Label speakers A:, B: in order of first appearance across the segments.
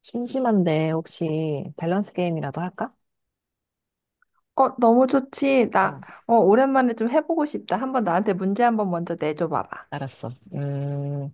A: 심심한데 혹시 밸런스 게임이라도 할까?
B: 어, 너무 좋지.
A: 어,
B: 오랜만에 좀 해보고 싶다. 한번 나한테 문제 한번 먼저 내줘 봐봐.
A: 알았어.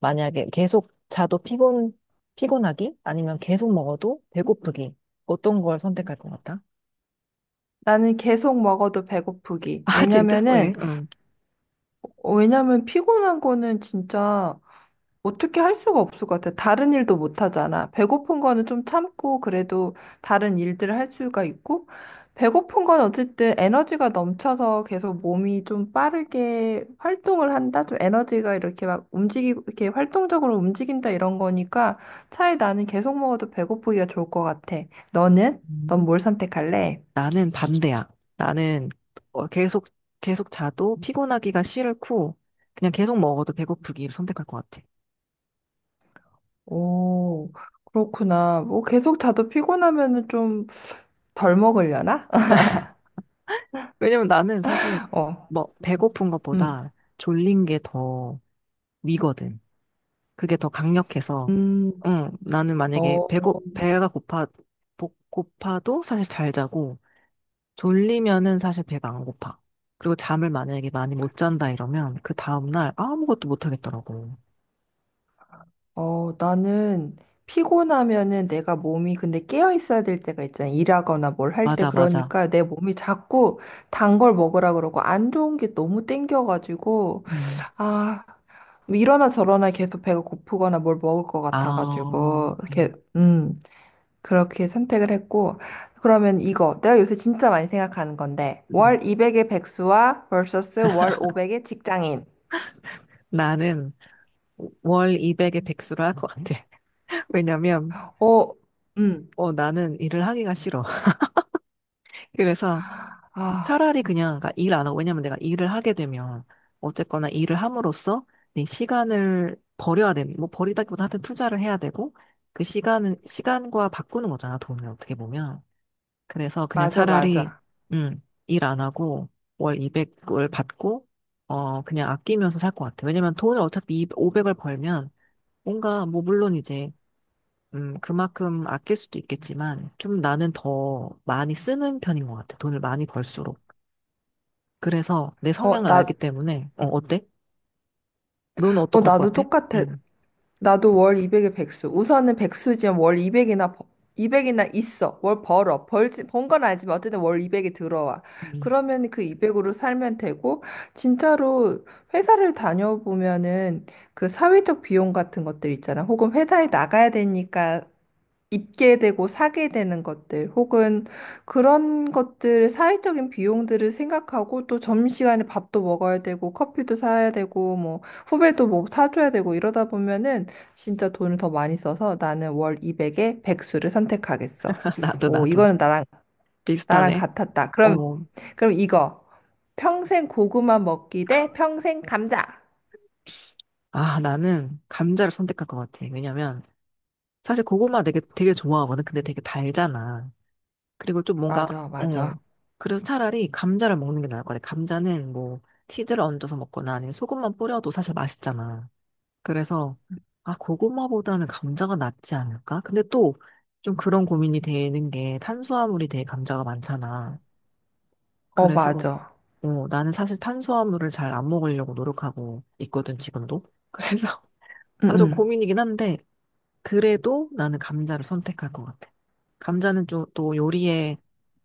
A: 만약에 계속 자도 피곤하기? 아니면 계속 먹어도 배고프기? 어떤 걸 선택할 것 같아?
B: 나는 계속 먹어도 배고프기.
A: 아, 진짜? 왜? 응.
B: 왜냐면 피곤한 거는 진짜 어떻게 할 수가 없을 것 같아. 다른 일도 못 하잖아. 배고픈 거는 좀 참고 그래도 다른 일들을 할 수가 있고, 배고픈 건 어쨌든 에너지가 넘쳐서 계속 몸이 좀 빠르게 활동을 한다? 좀 에너지가 이렇게 막 움직이고, 이렇게 활동적으로 움직인다 이런 거니까 차에 나는 계속 먹어도 배고프기가 좋을 것 같아. 너는? 넌
A: 음.
B: 뭘 선택할래?
A: 나는 반대야. 나는 어, 계속, 계속 자도 피곤하기가 싫고, 그냥 계속 먹어도 배고프기를 선택할 것 같아.
B: 오, 그렇구나. 뭐 계속 자도 피곤하면은 좀 덜 먹으려나?
A: 왜냐면 나는 사실,
B: 어.
A: 뭐, 배고픈
B: 음.
A: 것보다 졸린 게 더 위거든. 그게 더 강력해서,
B: 음,
A: 응, 나는 만약에
B: 어,
A: 배가 고파도 사실 잘 자고, 졸리면은 사실 배가 안 고파. 그리고 잠을 만약에 많이 못 잔다 이러면, 그 다음날 아무것도 못 하겠더라고.
B: 나는 피곤하면은 내가 몸이 근데 깨어 있어야 될 때가 있잖아. 일하거나 뭘 할 때
A: 맞아, 맞아.
B: 그러니까 내 몸이 자꾸 단 걸 먹으라 그러고 안 좋은 게 너무 땡겨가지고
A: 음.
B: 아, 뭐 이러나 저러나 계속 배가 고프거나 뭘 먹을 것
A: 아,
B: 같아가지고 이렇게 그렇게 선택을 했고 그러면 이거 내가 요새 진짜 많이 생각하는 건데
A: 음.
B: 월 200의 백수와 vs 월 500의 직장인.
A: 나는 월 200의 백수를 할 것 같아. 왜냐면,
B: 어, 음,
A: 나는 일을 하기가 싫어. 그래서,
B: 아,
A: 차라리 그냥 그러니까 일 안 하고, 왜냐면 내가 일을 하게 되면 어쨌거나 일을 함으로써 내 시간을 버려야 되는, 뭐 버리다기보다 하여튼 투자를 해야 되고, 그 시간은 시간과 바꾸는 거잖아, 돈을, 어떻게 보면. 그래서 그냥
B: 맞아,
A: 차라리
B: 맞아.
A: 음일 안 하고 월 200을 받고, 그냥 아끼면서 살 것 같아. 왜냐면 돈을 어차피 500을 벌면, 뭔가 뭐 물론 이제 그만큼 아낄 수도 있겠지만, 좀 나는 더 많이 쓰는 편인 것 같아, 돈을 많이 벌수록. 그래서 내
B: 어,
A: 성향을
B: 나
A: 알기 때문에. 어때? 너는 어떡할 것
B: 나도
A: 같아?
B: 똑같아.
A: 음.
B: 나도 월 200에 백수. 우선은 백수지만 월 200이나 있어. 월 벌어. 벌지, 번 건 알지만 어쨌든 월 200이 들어와.
A: 음.
B: 그러면 그 200으로 살면 되고, 진짜로 회사를 다녀보면은 그 사회적 비용 같은 것들 있잖아. 혹은 회사에 나가야 되니까 입게 되고 사게 되는 것들 혹은 그런 것들 사회적인 비용들을 생각하고 또 점심시간에 밥도 먹어야 되고 커피도 사야 되고 뭐 후배도 뭐 사줘야 되고 이러다 보면은 진짜 돈을 더 많이 써서 나는 월 200에 백수를 선택하겠어.
A: 나도,
B: 오,
A: 나도.
B: 이거는 나랑
A: 비슷하네.
B: 같았다.
A: 어,
B: 그럼 이거 평생 고구마 먹기 대 평생 감자.
A: 나는 감자를 선택할 것 같아. 왜냐면, 사실 고구마 되게, 되게 좋아하거든. 근데 되게 달잖아. 그리고 좀 뭔가,
B: 맞아,
A: 어,
B: 맞아.
A: 그래서 차라리 감자를 먹는 게 나을 것 같아. 감자는 뭐, 치즈를 얹어서 먹거나 아니면 소금만 뿌려도 사실 맛있잖아. 그래서, 아, 고구마보다는 감자가 낫지 않을까? 근데 또, 좀 그런 고민이 되는 게 탄수화물이 되게 감자가 많잖아.
B: 어,
A: 그래서
B: 맞아.
A: 나는 사실 탄수화물을 잘 안 먹으려고 노력하고 있거든, 지금도. 그래서
B: 응,
A: 아, 좀
B: 응.
A: 고민이긴 한데, 그래도 나는 감자를 선택할 것 같아. 감자는 좀, 또 요리에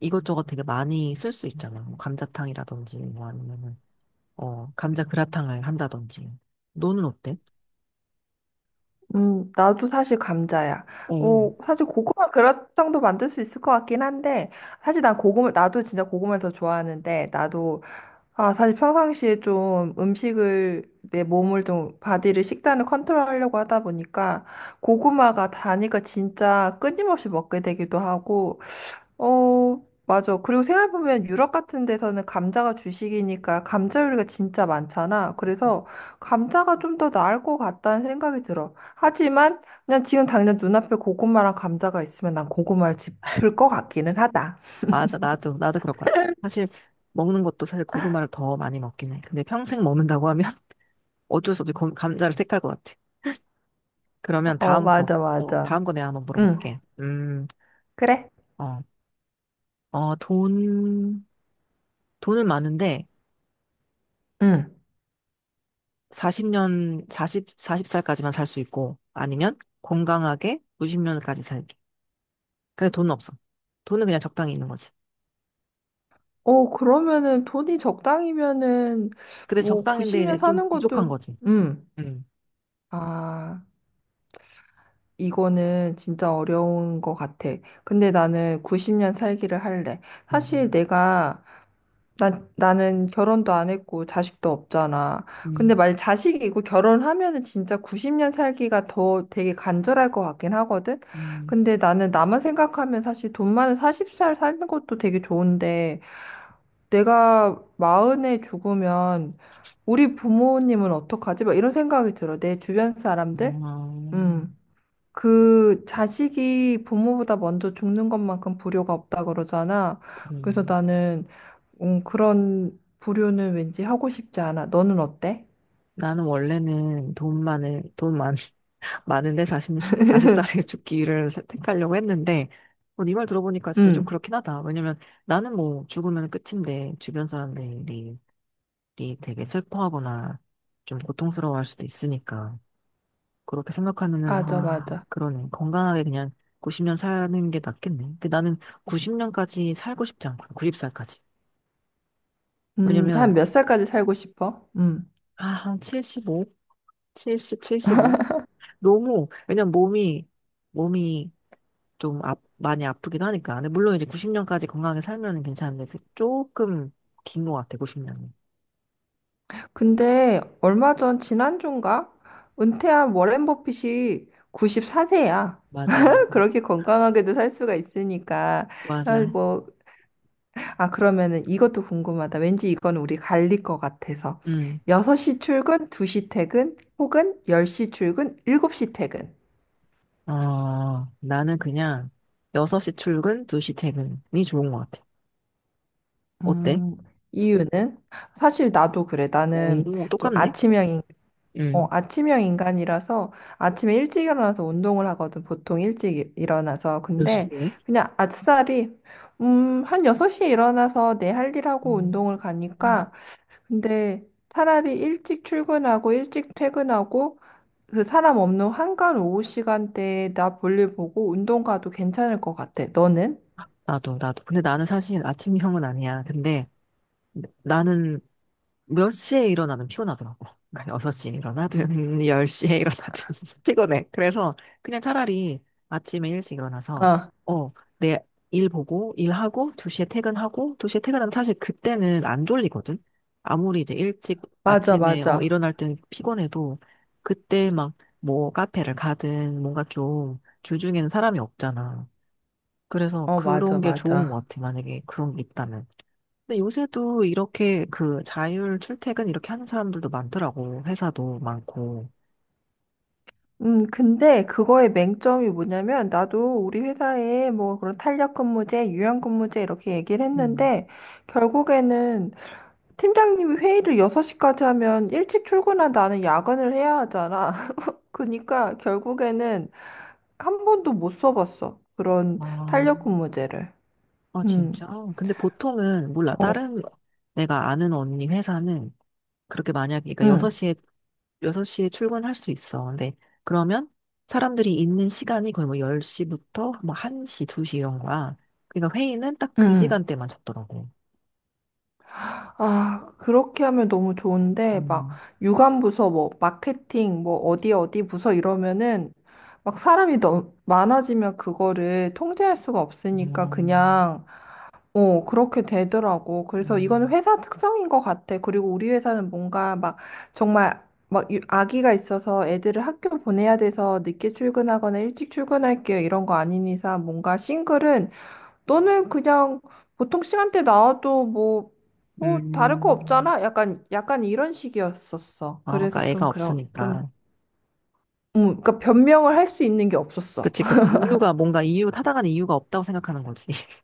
A: 이것저것 되게 많이 쓸 수 있잖아. 뭐 감자탕이라든지, 뭐 아니면은, 감자 그라탕을 한다든지. 너는 어때?
B: 나도 사실 감자야.
A: 어,
B: 어, 사실 고구마 그라탕도 만들 수 있을 것 같긴 한데, 사실 난 고구마, 나도 진짜 고구마를 더 좋아하는데, 나도, 아, 사실 평상시에 좀 음식을, 내 몸을 좀, 바디를, 식단을 컨트롤하려고 하다 보니까, 고구마가 다니까 진짜 끊임없이 먹게 되기도 하고, 어, 맞아. 그리고 생각해보면 유럽 같은 데서는 감자가 주식이니까 감자 요리가 진짜 많잖아. 그래서 감자가 좀 더 나을 것 같다는 생각이 들어. 하지만 그냥 지금 당장 눈앞에 고구마랑 감자가 있으면 난 고구마를 짚을 것 같기는 하다.
A: 맞아. 나도, 나도 그럴 것 같아. 사실, 먹는 것도 사실 고구마를 더 많이 먹긴 해. 근데 평생 먹는다고 하면 어쩔 수 없이 감자를 택할 것 같아. 그러면
B: 어,
A: 다음 거,
B: 맞아, 맞아.
A: 다음 거 내가 한번
B: 응,
A: 물어볼게.
B: 그래.
A: 어, 어, 돈, 돈은 많은데,
B: 응.
A: 40년, 40, 40살까지만 살 수 있고, 아니면 건강하게 90년까지 살게, 근데 돈은 없어. 돈은 그냥 적당히 있는 거지.
B: 어, 그러면은 돈이 적당이면은
A: 근데
B: 뭐
A: 적당인데 이제
B: 90년
A: 좀
B: 사는 것도,
A: 부족한 거지.
B: 응.
A: 음,
B: 아. 이거는 진짜 어려운 것 같아. 근데 나는 90년 살기를 할래. 사실
A: 음,
B: 내가, 나는 결혼도 안 했고 자식도 없잖아. 근데
A: 음,
B: 만약 자식이 있고 결혼하면은 진짜 90년 살기가 더 되게 간절할 것 같긴 하거든?
A: 음.
B: 근데 나는 나만 생각하면 사실 돈 많은 40살 사는 것도 되게 좋은데 내가 40에 죽으면 우리 부모님은 어떡하지? 막 이런 생각이 들어. 내 주변
A: 음.
B: 사람들? 음.
A: 아,
B: 그 자식이 부모보다 먼저 죽는 것만큼 불효가 없다 그러잖아.
A: 그래.
B: 그래서 나는 그런 불효는 왠지 하고 싶지 않아. 너는 어때?
A: 나는 원래는 돈만을돈만 많은데 40, 40살에 죽기를 선택하려고 했는데, 네말 들어보니까 진짜 좀
B: 응,
A: 그렇긴 하다. 왜냐면 나는 뭐 죽으면 끝인데, 주변 사람들이 되게 슬퍼하거나 좀 고통스러워할 수도 있으니까. 그렇게 생각하면은,
B: 맞아,
A: 아,
B: 맞아.
A: 그러네. 건강하게 그냥 90년 사는 게 낫겠네. 근데 나는 90년까지 살고 싶지 않고, 90살까지. 왜냐면,
B: 한 몇 살까지 살고 싶어? 음.
A: 아, 한 75? 70, 75? 너무, 왜냐면 몸이 좀 많이 아프기도 하니까. 근데 물론 이제 90년까지 건강하게 살면 괜찮은데 조금 긴 것 같아, 90년이.
B: 근데 얼마 전 지난주인가? 은퇴한 워렌 버핏이 94세야.
A: 맞아,
B: 그렇게 건강하게도 살 수가 있으니까 아,
A: 맞아.
B: 뭐 그러면은 이것도 궁금하다. 왠지 이건 우리 갈릴 것 같아서.
A: 응.
B: 6시 출근, 2시 퇴근, 혹은 10시 출근, 7시 퇴근.
A: 나는 그냥 6시 출근, 2시 퇴근이 좋은 것 같아. 어때?
B: 음, 이유는? 사실 나도 그래. 나는
A: 오,
B: 좀
A: 똑같네?
B: 아침형,
A: 응.
B: 아침형 인간이라서 아침에 일찍 일어나서 운동을 하거든. 보통 일찍 일어나서.
A: 몇
B: 근데
A: 시에?
B: 그냥 아싸리, 한 6시에 일어나서 내 할 일하고
A: 음.
B: 운동을 가니까. 근데 차라리 일찍 출근하고 일찍 퇴근하고 그 사람 없는 한간 오후 시간대에 나 볼일 보고 운동 가도 괜찮을 것 같아. 너는?
A: 나도, 나도. 근데 나는 사실 아침형은 아니야. 근데 나는 몇 시에 일어나든 피곤하더라고. 그러니까 6시에 일어나든 10시에 일어나든 피곤해. 그래서 그냥 차라리 아침에 일찍 일어나서
B: 어,
A: 어, 내 일 보고 일하고 2시에 퇴근하고, 2시에 퇴근하면 사실 그때는 안 졸리거든. 아무리 이제 일찍
B: 맞아,
A: 아침에
B: 맞아.
A: 일어날 땐 피곤해도 그때 막 뭐 카페를 가든, 뭔가 좀 주중에는 사람이 없잖아. 그래서
B: 어, 맞아,
A: 그런 게 좋은
B: 맞아.
A: 것 같아. 만약에 그런 게 있다면. 근데 요새도 이렇게 그 자율 출퇴근 이렇게 하는 사람들도 많더라고. 회사도 많고.
B: 근데 그거의 맹점이 뭐냐면 나도 우리 회사에 뭐 그런 탄력 근무제, 유연 근무제 이렇게 얘기를
A: 음.
B: 했는데 결국에는 팀장님이 회의를 6시까지 하면 일찍 출근한 나는 야근을 해야 하잖아. 그러니까 결국에는 한 번도 못 써봤어. 그런
A: 아,
B: 탄력 근무제를.
A: 아,
B: 음.
A: 진짜? 근데 보통은, 몰라.
B: 어.
A: 다른 내가 아는 언니 회사는, 그렇게 만약에, 그러니까
B: 응.
A: 6시에, 여섯 시에 출근할 수 있어. 근데 그러면 사람들이 있는 시간이 거의 뭐 10시부터 뭐 1시, 2시 이런 거야. 그러니까 회의는 딱 그
B: 응.
A: 시간대만 잡더라고.
B: 아, 그렇게 하면 너무 좋은데, 막,
A: 음,
B: 유관 부서, 뭐, 마케팅, 뭐, 어디 부서 이러면은, 막 사람이 너무 많아지면 그거를 통제할 수가 없으니까
A: 음,
B: 그냥, 그렇게 되더라고. 그래서 이건
A: 음.
B: 회사 특성인 것 같아. 그리고 우리 회사는 뭔가 막, 정말, 막, 아기가 있어서 애들을 학교 보내야 돼서 늦게 출근하거나 일찍 출근할게요. 이런 거 아닌 이상 뭔가 싱글은 너는 그냥 보통 시간대 나와도 뭐,
A: 음.
B: 다를 거
A: 음.
B: 없잖아? 약간, 약간 이런 식이었었어.
A: 아,
B: 그래서
A: 그러니까 애가
B: 좀, 좀,
A: 없으니까.
B: 그러니까 변명을 할 수 있는 게 없었어.
A: 그치, 그치. 이유가 뭔가 이유, 타당하는 이유가 없다고 생각하는 거지.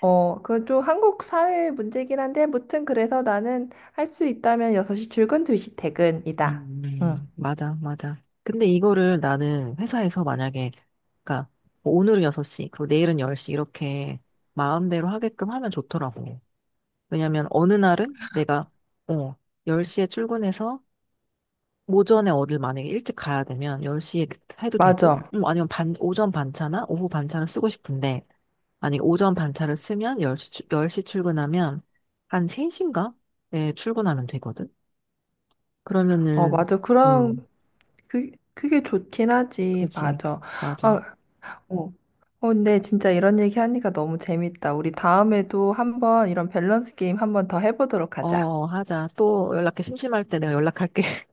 B: 어, 그건 좀 한국 사회 문제긴 한데, 무튼 그래서 나는 할 수 있다면 6시 출근, 2시 퇴근이다. 응,
A: 맞아, 맞아. 근데 이거를 나는 회사에서 만약에, 그니까, 오늘은 6시, 그리고 내일은 10시, 이렇게 마음대로 하게끔 하면 좋더라고. 왜냐면 어느 날은 내가, 어, 10시에 출근해서 오전에 어딜 만약에 일찍 가야 되면 10시에 해도 되고,
B: 맞아.
A: 아니면 오전 반차나 오후 반차를 쓰고 싶은데, 만약에 오전 반차를 쓰면 10시, 시 출근하면 한 3시인가? 에 출근하면 되거든.
B: 어,
A: 그러면은,
B: 맞아. 그럼,
A: 음,
B: 그게 좋긴 하지.
A: 그렇지.
B: 맞아.
A: 맞아.
B: 아, 어. 어, 근데 진짜 이런 얘기 하니까 너무 재밌다. 우리 다음에도 한번 이런 밸런스 게임 한번 더 해보도록 하자.
A: 하자. 또 연락해. 심심할 때 내가 연락할게.